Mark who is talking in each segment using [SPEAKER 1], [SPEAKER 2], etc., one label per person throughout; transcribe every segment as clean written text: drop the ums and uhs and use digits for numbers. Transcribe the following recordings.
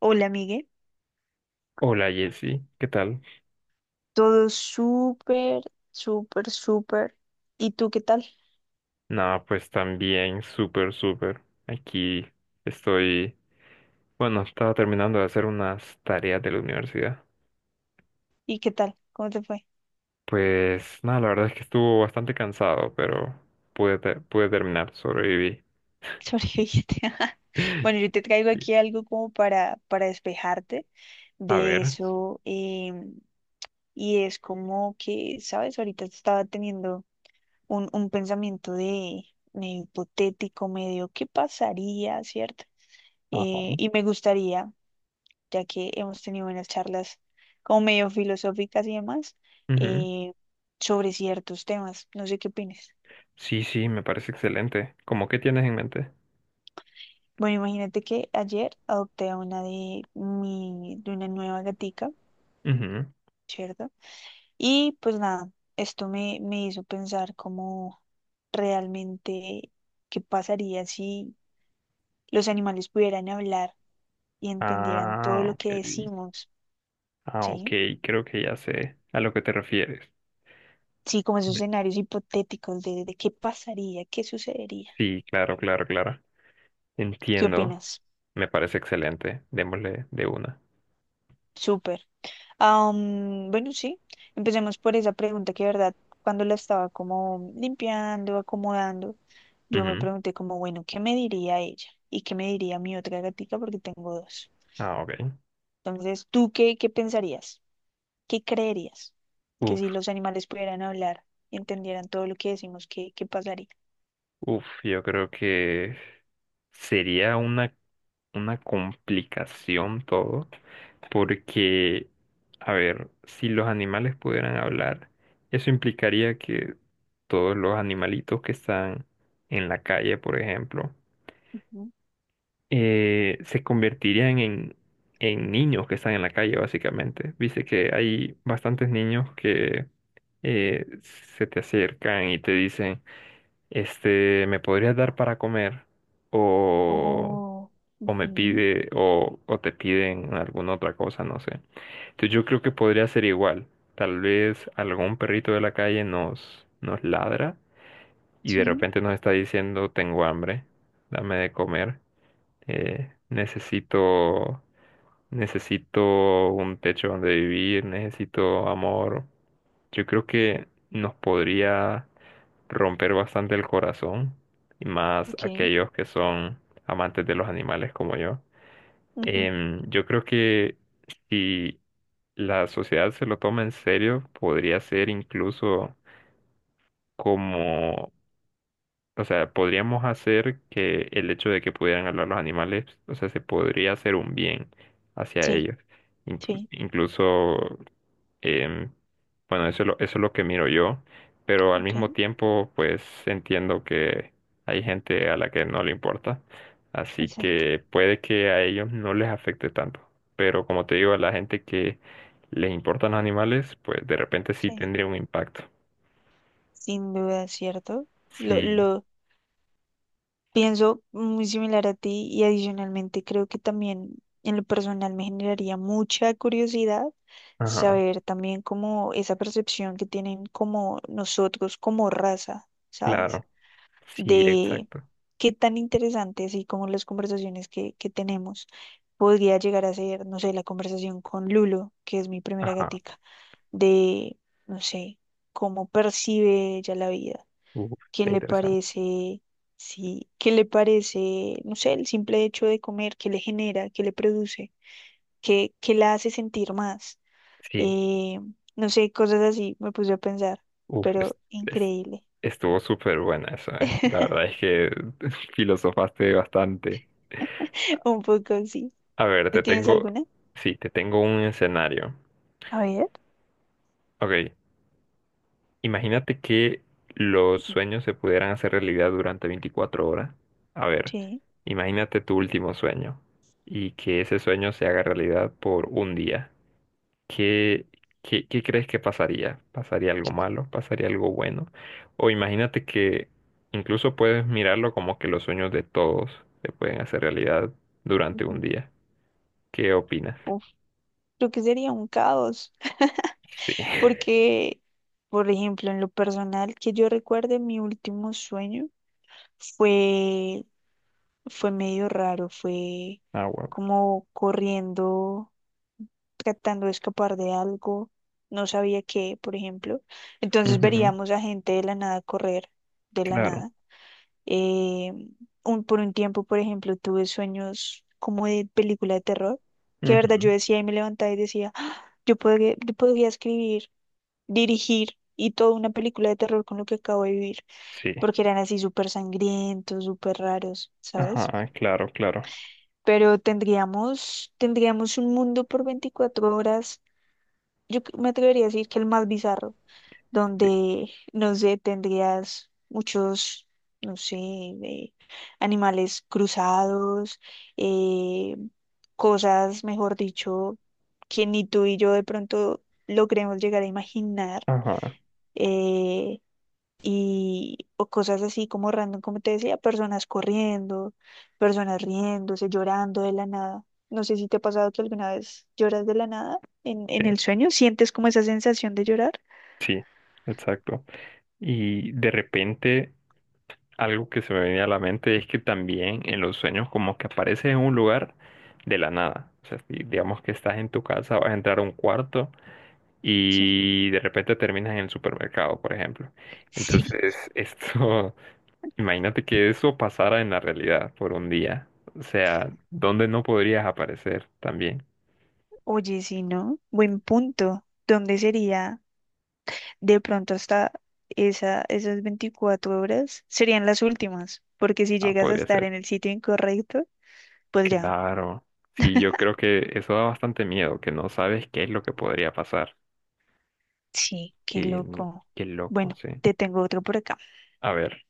[SPEAKER 1] Hola, amigue.
[SPEAKER 2] Hola Jessy, ¿qué tal?
[SPEAKER 1] Todo súper, súper, súper. ¿Y tú qué tal?
[SPEAKER 2] Nada, pues también súper, súper. Aquí estoy, bueno, estaba terminando de hacer unas tareas de la universidad.
[SPEAKER 1] ¿Y qué tal? ¿Cómo te fue?
[SPEAKER 2] Pues nada, la verdad es que estuvo bastante cansado, pero pude terminar, sobreviví.
[SPEAKER 1] ¿Sobreviviste? Bueno, yo te traigo aquí algo como para despejarte
[SPEAKER 2] A
[SPEAKER 1] de
[SPEAKER 2] ver.
[SPEAKER 1] eso. Y es como que, ¿sabes? Ahorita estaba teniendo un pensamiento de hipotético, medio, ¿qué pasaría, cierto?
[SPEAKER 2] Ajá.
[SPEAKER 1] Y me gustaría, ya que hemos tenido unas charlas como medio filosóficas y demás,
[SPEAKER 2] Ujú.
[SPEAKER 1] eh, sobre ciertos temas. No sé qué opinas.
[SPEAKER 2] Sí, sí, me parece excelente. ¿Cómo qué tienes en mente?
[SPEAKER 1] Bueno, imagínate que ayer adopté a una de mi, de una nueva gatica,
[SPEAKER 2] Ujú.
[SPEAKER 1] ¿cierto? Y pues nada, esto me hizo pensar como realmente qué pasaría si los animales pudieran hablar y entendieran todo
[SPEAKER 2] Ah,
[SPEAKER 1] lo
[SPEAKER 2] ok.
[SPEAKER 1] que decimos,
[SPEAKER 2] Ah, ok,
[SPEAKER 1] ¿sí?
[SPEAKER 2] creo que ya sé a lo que te refieres.
[SPEAKER 1] Sí, como esos
[SPEAKER 2] Me-
[SPEAKER 1] escenarios hipotéticos de qué pasaría, qué sucedería.
[SPEAKER 2] Sí, claro, claro, claro.
[SPEAKER 1] ¿Qué
[SPEAKER 2] Entiendo.
[SPEAKER 1] opinas?
[SPEAKER 2] Me parece excelente. Démosle de una.
[SPEAKER 1] Súper. Bueno, sí, empecemos por esa pregunta que, de verdad, cuando la estaba como limpiando, acomodando, yo me
[SPEAKER 2] Ujú.
[SPEAKER 1] pregunté como, bueno, ¿qué me diría ella? ¿Y qué me diría mi otra gatica? Porque tengo dos.
[SPEAKER 2] Ah, ok.
[SPEAKER 1] Entonces, ¿tú qué, qué pensarías? ¿Qué creerías? Que si
[SPEAKER 2] Uf,
[SPEAKER 1] los animales pudieran hablar y entendieran todo lo que decimos, ¿qué, qué pasaría?
[SPEAKER 2] uf, yo creo que sería una complicación todo, porque, a ver, si los animales pudieran hablar, eso implicaría que todos los animalitos que están en la calle, por ejemplo,
[SPEAKER 1] Ujú.
[SPEAKER 2] se convertirían en niños que están en la calle, básicamente. Viste que hay bastantes niños que se te acercan y te dicen, este, ¿me podrías dar para comer? O,
[SPEAKER 1] Oh,
[SPEAKER 2] o me
[SPEAKER 1] ujú,
[SPEAKER 2] pide, o te piden alguna otra cosa, no sé. Entonces yo creo que podría ser igual. Tal vez algún perrito de la calle nos ladra y de
[SPEAKER 1] sí,
[SPEAKER 2] repente nos está diciendo, tengo hambre, dame de comer, necesito, necesito un techo donde vivir, necesito amor. Yo creo que nos podría romper bastante el corazón, y más
[SPEAKER 1] ok,
[SPEAKER 2] aquellos que son amantes de los animales como yo.
[SPEAKER 1] ujú,
[SPEAKER 2] Yo creo que si la sociedad se lo toma en serio, podría ser incluso como, o sea, podríamos hacer que el hecho de que pudieran hablar los animales, o sea, se podría hacer un bien hacia
[SPEAKER 1] sí,
[SPEAKER 2] ellos. Inclu-
[SPEAKER 1] sí,
[SPEAKER 2] incluso Em, bueno, eso es lo que miro yo, pero al
[SPEAKER 1] ok,
[SPEAKER 2] mismo tiempo, pues entiendo que hay gente a la que no le importa, así
[SPEAKER 1] exacto.
[SPEAKER 2] que puede que a ellos no les afecte tanto, pero como te digo, a la gente que les importan los animales, pues de repente sí
[SPEAKER 1] Sí,
[SPEAKER 2] tendría un impacto.
[SPEAKER 1] sin duda, ¿cierto?
[SPEAKER 2] Sí,
[SPEAKER 1] Lo, pienso muy similar a ti y adicionalmente creo que también en lo personal me generaría mucha curiosidad
[SPEAKER 2] ajá,
[SPEAKER 1] saber también cómo esa percepción que tienen como nosotros como raza, ¿sabes?
[SPEAKER 2] claro, sí,
[SPEAKER 1] De
[SPEAKER 2] exacto,
[SPEAKER 1] qué tan interesantes y como las conversaciones que tenemos podría llegar a ser, no sé, la conversación con Lulo, que es mi primera
[SPEAKER 2] ajá,
[SPEAKER 1] gatica, de, no sé, cómo percibe ella la vida.
[SPEAKER 2] uf,
[SPEAKER 1] ¿Qué
[SPEAKER 2] está
[SPEAKER 1] le
[SPEAKER 2] interesante.
[SPEAKER 1] parece? Sí, ¿qué le parece? No sé, el simple hecho de comer, ¿qué le genera? ¿Qué le produce? ¿Qué, qué la hace sentir más?
[SPEAKER 2] Sí.
[SPEAKER 1] Eh, no sé, cosas así me puse a pensar,
[SPEAKER 2] Uf,
[SPEAKER 1] pero
[SPEAKER 2] es-
[SPEAKER 1] increíble.
[SPEAKER 2] estuvo súper buena eso, ¿eh? La verdad es que filosofaste bastante.
[SPEAKER 1] Un poco así.
[SPEAKER 2] A ver,
[SPEAKER 1] ¿Tú
[SPEAKER 2] te
[SPEAKER 1] tienes
[SPEAKER 2] tengo,
[SPEAKER 1] alguna?
[SPEAKER 2] sí, te tengo un escenario.
[SPEAKER 1] A ver.
[SPEAKER 2] Ok, imagínate que los
[SPEAKER 1] Ujú.
[SPEAKER 2] sueños se pudieran hacer realidad durante 24 horas. A ver,
[SPEAKER 1] Sí.
[SPEAKER 2] imagínate tu último sueño y que ese sueño se haga realidad por un día. ¿Qué, qué crees que pasaría? ¿Pasaría algo malo? ¿Pasaría algo bueno? O imagínate que incluso puedes mirarlo como que los sueños de todos se pueden hacer realidad durante un
[SPEAKER 1] Ujú.
[SPEAKER 2] día. ¿Qué opinas?
[SPEAKER 1] Uf, creo que sería un caos,
[SPEAKER 2] Sí.
[SPEAKER 1] porque, por ejemplo, en lo personal que yo recuerde, mi último sueño fue, fue medio raro, fue
[SPEAKER 2] Ah, wow.
[SPEAKER 1] como corriendo, tratando de escapar de algo, no sabía qué, por ejemplo. Entonces
[SPEAKER 2] Ujú.
[SPEAKER 1] veríamos a gente de la nada correr, de la
[SPEAKER 2] Claro.
[SPEAKER 1] nada. Eh, un, por un tiempo, por ejemplo, tuve sueños como de película de terror, que de verdad yo
[SPEAKER 2] Ujú.
[SPEAKER 1] decía y me levantaba y decía, "Ah, yo podría escribir, dirigir y toda una película de terror con lo que acabo de vivir,
[SPEAKER 2] Sí.
[SPEAKER 1] porque eran así súper sangrientos, súper raros, ¿sabes?"
[SPEAKER 2] Ajá, claro, claro.
[SPEAKER 1] Pero tendríamos un mundo por 24 horas, yo c- me atrevería a decir que el más bizarro,
[SPEAKER 2] Sí.
[SPEAKER 1] donde, no sé, tendrías muchos, no sé, animales cruzados, eh, cosas, mejor dicho, que ni tú y yo de pronto logremos llegar a imaginar.
[SPEAKER 2] Ajá,
[SPEAKER 1] eh, y o cosas así como random, como te decía, personas corriendo, personas riéndose, llorando de la nada. No sé si te ha pasado que alguna vez lloras de la nada en
[SPEAKER 2] sí,
[SPEAKER 1] el sueño, sientes como esa sensación de llorar.
[SPEAKER 2] sí, exacto. Y de repente, algo que se me venía a la mente es que también en los sueños como que apareces en un lugar de la nada. O sea, si digamos que estás en tu casa, vas a entrar a un cuarto
[SPEAKER 1] Sí.
[SPEAKER 2] y de repente terminas en el supermercado, por ejemplo.
[SPEAKER 1] Sí.
[SPEAKER 2] Entonces, esto, imagínate que eso pasara en la realidad por un día. O sea, ¿dónde no podrías aparecer también?
[SPEAKER 1] Oye, sí no, buen punto. ¿Dónde sería de pronto hasta esa, esas 24 horas? Serían las últimas, porque si
[SPEAKER 2] Ah,
[SPEAKER 1] llegas a
[SPEAKER 2] podría
[SPEAKER 1] estar
[SPEAKER 2] ser.
[SPEAKER 1] en el sitio incorrecto, pues ya,
[SPEAKER 2] Claro. Sí, yo creo que eso da bastante miedo, que no sabes qué es lo que podría pasar.
[SPEAKER 1] sí, qué
[SPEAKER 2] Qué,
[SPEAKER 1] loco.
[SPEAKER 2] qué loco,
[SPEAKER 1] Bueno,
[SPEAKER 2] sí.
[SPEAKER 1] te tengo otro por acá.
[SPEAKER 2] A ver.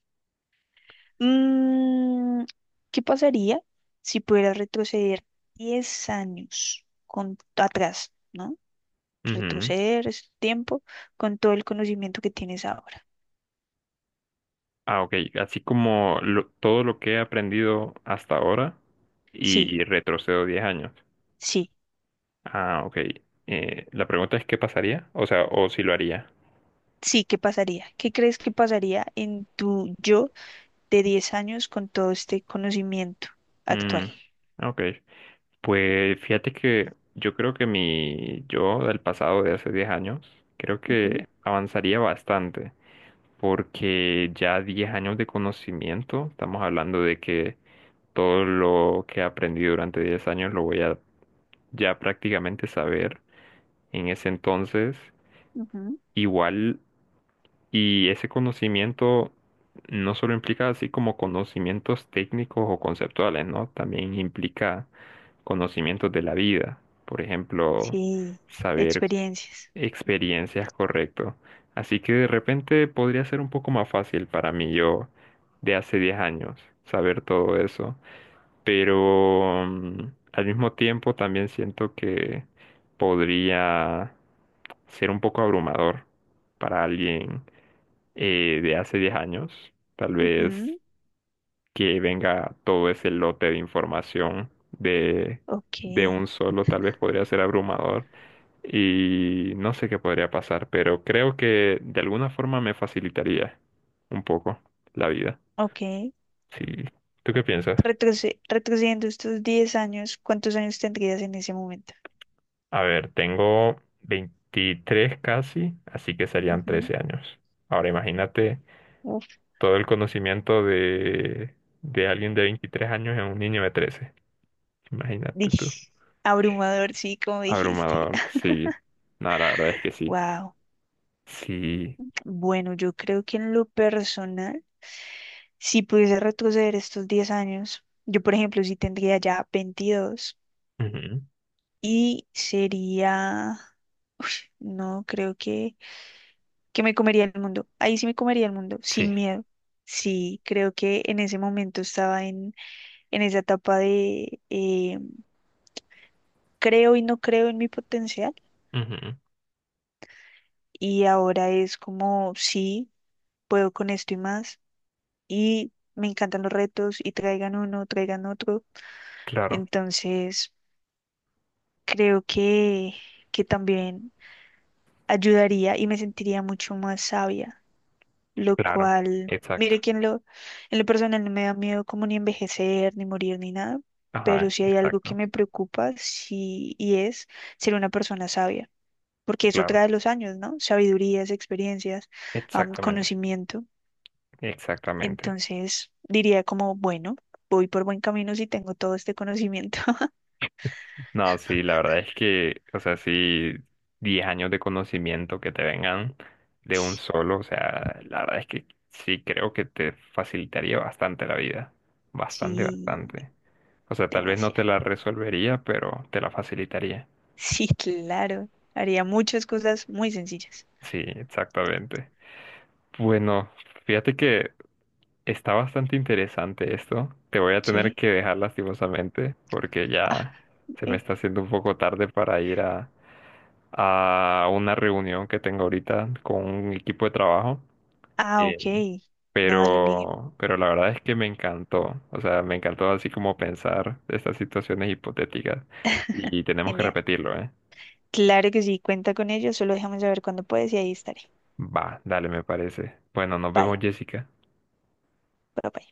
[SPEAKER 1] Mm, ¿qué pasaría si pudieras retroceder 10 años con, atrás, ¿no?
[SPEAKER 2] Ujú.
[SPEAKER 1] Retroceder ese tiempo con todo el conocimiento que tienes ahora.
[SPEAKER 2] Ah, ok. Así como todo lo que he aprendido hasta ahora y,
[SPEAKER 1] Sí,
[SPEAKER 2] y retrocedo 10 años.
[SPEAKER 1] sí,
[SPEAKER 2] Ah, ok. La pregunta es qué pasaría, o sea, o si lo haría.
[SPEAKER 1] sí, ¿qué pasaría? ¿Qué crees que pasaría en tu yo de 10 años con todo este conocimiento
[SPEAKER 2] Mm,
[SPEAKER 1] actual?
[SPEAKER 2] ok. Pues fíjate que yo creo que mi yo del pasado de hace 10 años, creo
[SPEAKER 1] Ujú,
[SPEAKER 2] que avanzaría bastante, porque ya 10 años de conocimiento, estamos hablando de que todo lo que he aprendido durante 10 años lo voy a ya prácticamente saber. En ese entonces,
[SPEAKER 1] ujú,
[SPEAKER 2] igual, y ese conocimiento no solo implica así como conocimientos técnicos o conceptuales, ¿no? También implica conocimientos de la vida, por ejemplo,
[SPEAKER 1] sí,
[SPEAKER 2] saber
[SPEAKER 1] experiencias.
[SPEAKER 2] experiencias correcto. Así que de repente podría ser un poco más fácil para mí yo de hace 10 años saber todo eso, pero al mismo tiempo también siento que podría ser un poco abrumador para alguien de hace 10 años. Tal vez
[SPEAKER 1] Ujú,
[SPEAKER 2] que venga todo ese lote de información de,
[SPEAKER 1] ok,
[SPEAKER 2] de un solo, tal vez podría ser abrumador y no sé qué podría pasar, pero creo que de alguna forma me facilitaría un poco la vida.
[SPEAKER 1] ok.
[SPEAKER 2] Sí. ¿Tú qué piensas?
[SPEAKER 1] Retroce- retrocediendo estos 10 años, ¿cuántos años tendrías en ese momento?
[SPEAKER 2] A ver, tengo 23 casi, así que serían
[SPEAKER 1] Ujú.
[SPEAKER 2] 13 años. Ahora imagínate
[SPEAKER 1] Uf,
[SPEAKER 2] todo el conocimiento de alguien de 23 años en un niño de 13. Imagínate tú.
[SPEAKER 1] dish. Abrumador, sí, como dijiste.
[SPEAKER 2] Abrumador, sí. No, la verdad es que sí.
[SPEAKER 1] Wow.
[SPEAKER 2] Sí.
[SPEAKER 1] Bueno, yo creo que en lo personal, si pudiese retroceder estos 10 años, yo por ejemplo, sí tendría ya 22
[SPEAKER 2] Ujú.
[SPEAKER 1] y sería, no, creo que me comería el mundo. Ahí sí me comería el mundo, sin
[SPEAKER 2] Sí.
[SPEAKER 1] miedo. Sí, creo que en ese momento estaba en esa etapa de creo y no creo en mi potencial
[SPEAKER 2] Ujú.
[SPEAKER 1] y ahora es como sí. Puedo con esto y más. Y me encantan los retos y traigan uno, traigan otro.
[SPEAKER 2] Claro,
[SPEAKER 1] Entonces, creo que también ayudaría y me sentiría mucho más sabia, lo
[SPEAKER 2] claro.
[SPEAKER 1] cual,
[SPEAKER 2] Exacto.
[SPEAKER 1] mire que en lo personal no me da miedo como ni envejecer, ni morir, ni nada. Pero
[SPEAKER 2] Ajá,
[SPEAKER 1] si hay algo que
[SPEAKER 2] exacto.
[SPEAKER 1] me preocupa, sí, y es ser una persona sabia, porque eso
[SPEAKER 2] Claro.
[SPEAKER 1] trae los años, ¿no? Sabidurías, experiencias,
[SPEAKER 2] Exactamente.
[SPEAKER 1] conocimiento.
[SPEAKER 2] Exactamente.
[SPEAKER 1] Entonces diría como, bueno, voy por buen camino si tengo todo este conocimiento.
[SPEAKER 2] No, sí, la verdad es que, o sea, sí, 10 años de conocimiento que te vengan de un
[SPEAKER 1] Sí,
[SPEAKER 2] solo, o sea, la verdad es que sí creo que te facilitaría bastante la vida, bastante,
[SPEAKER 1] sí,
[SPEAKER 2] bastante. O sea, tal vez no te
[SPEAKER 1] demasiado.
[SPEAKER 2] la resolvería, pero te la facilitaría.
[SPEAKER 1] Sí, claro. Haría muchas cosas muy sencillas.
[SPEAKER 2] Sí, exactamente. Bueno, fíjate que está bastante interesante esto. Te voy a tener
[SPEAKER 1] Sí.
[SPEAKER 2] que dejar lastimosamente porque
[SPEAKER 1] Ah,
[SPEAKER 2] ya se me
[SPEAKER 1] bien.
[SPEAKER 2] está haciendo un poco tarde para ir a, una reunión que tengo ahorita con un equipo de trabajo.
[SPEAKER 1] Ah,
[SPEAKER 2] Eh,
[SPEAKER 1] ok. No, dale, Miguel.
[SPEAKER 2] pero la verdad es que me encantó. O sea, me encantó así como pensar estas situaciones hipotéticas. Y tenemos que
[SPEAKER 1] Genial.
[SPEAKER 2] repetirlo, ¿eh?
[SPEAKER 1] Claro que sí, cuenta con ello. Solo déjame saber cuándo puedes y ahí estaré.
[SPEAKER 2] Va, dale, me parece. Bueno, nos vemos,
[SPEAKER 1] Bye.
[SPEAKER 2] Jessica.
[SPEAKER 1] Bye, bye.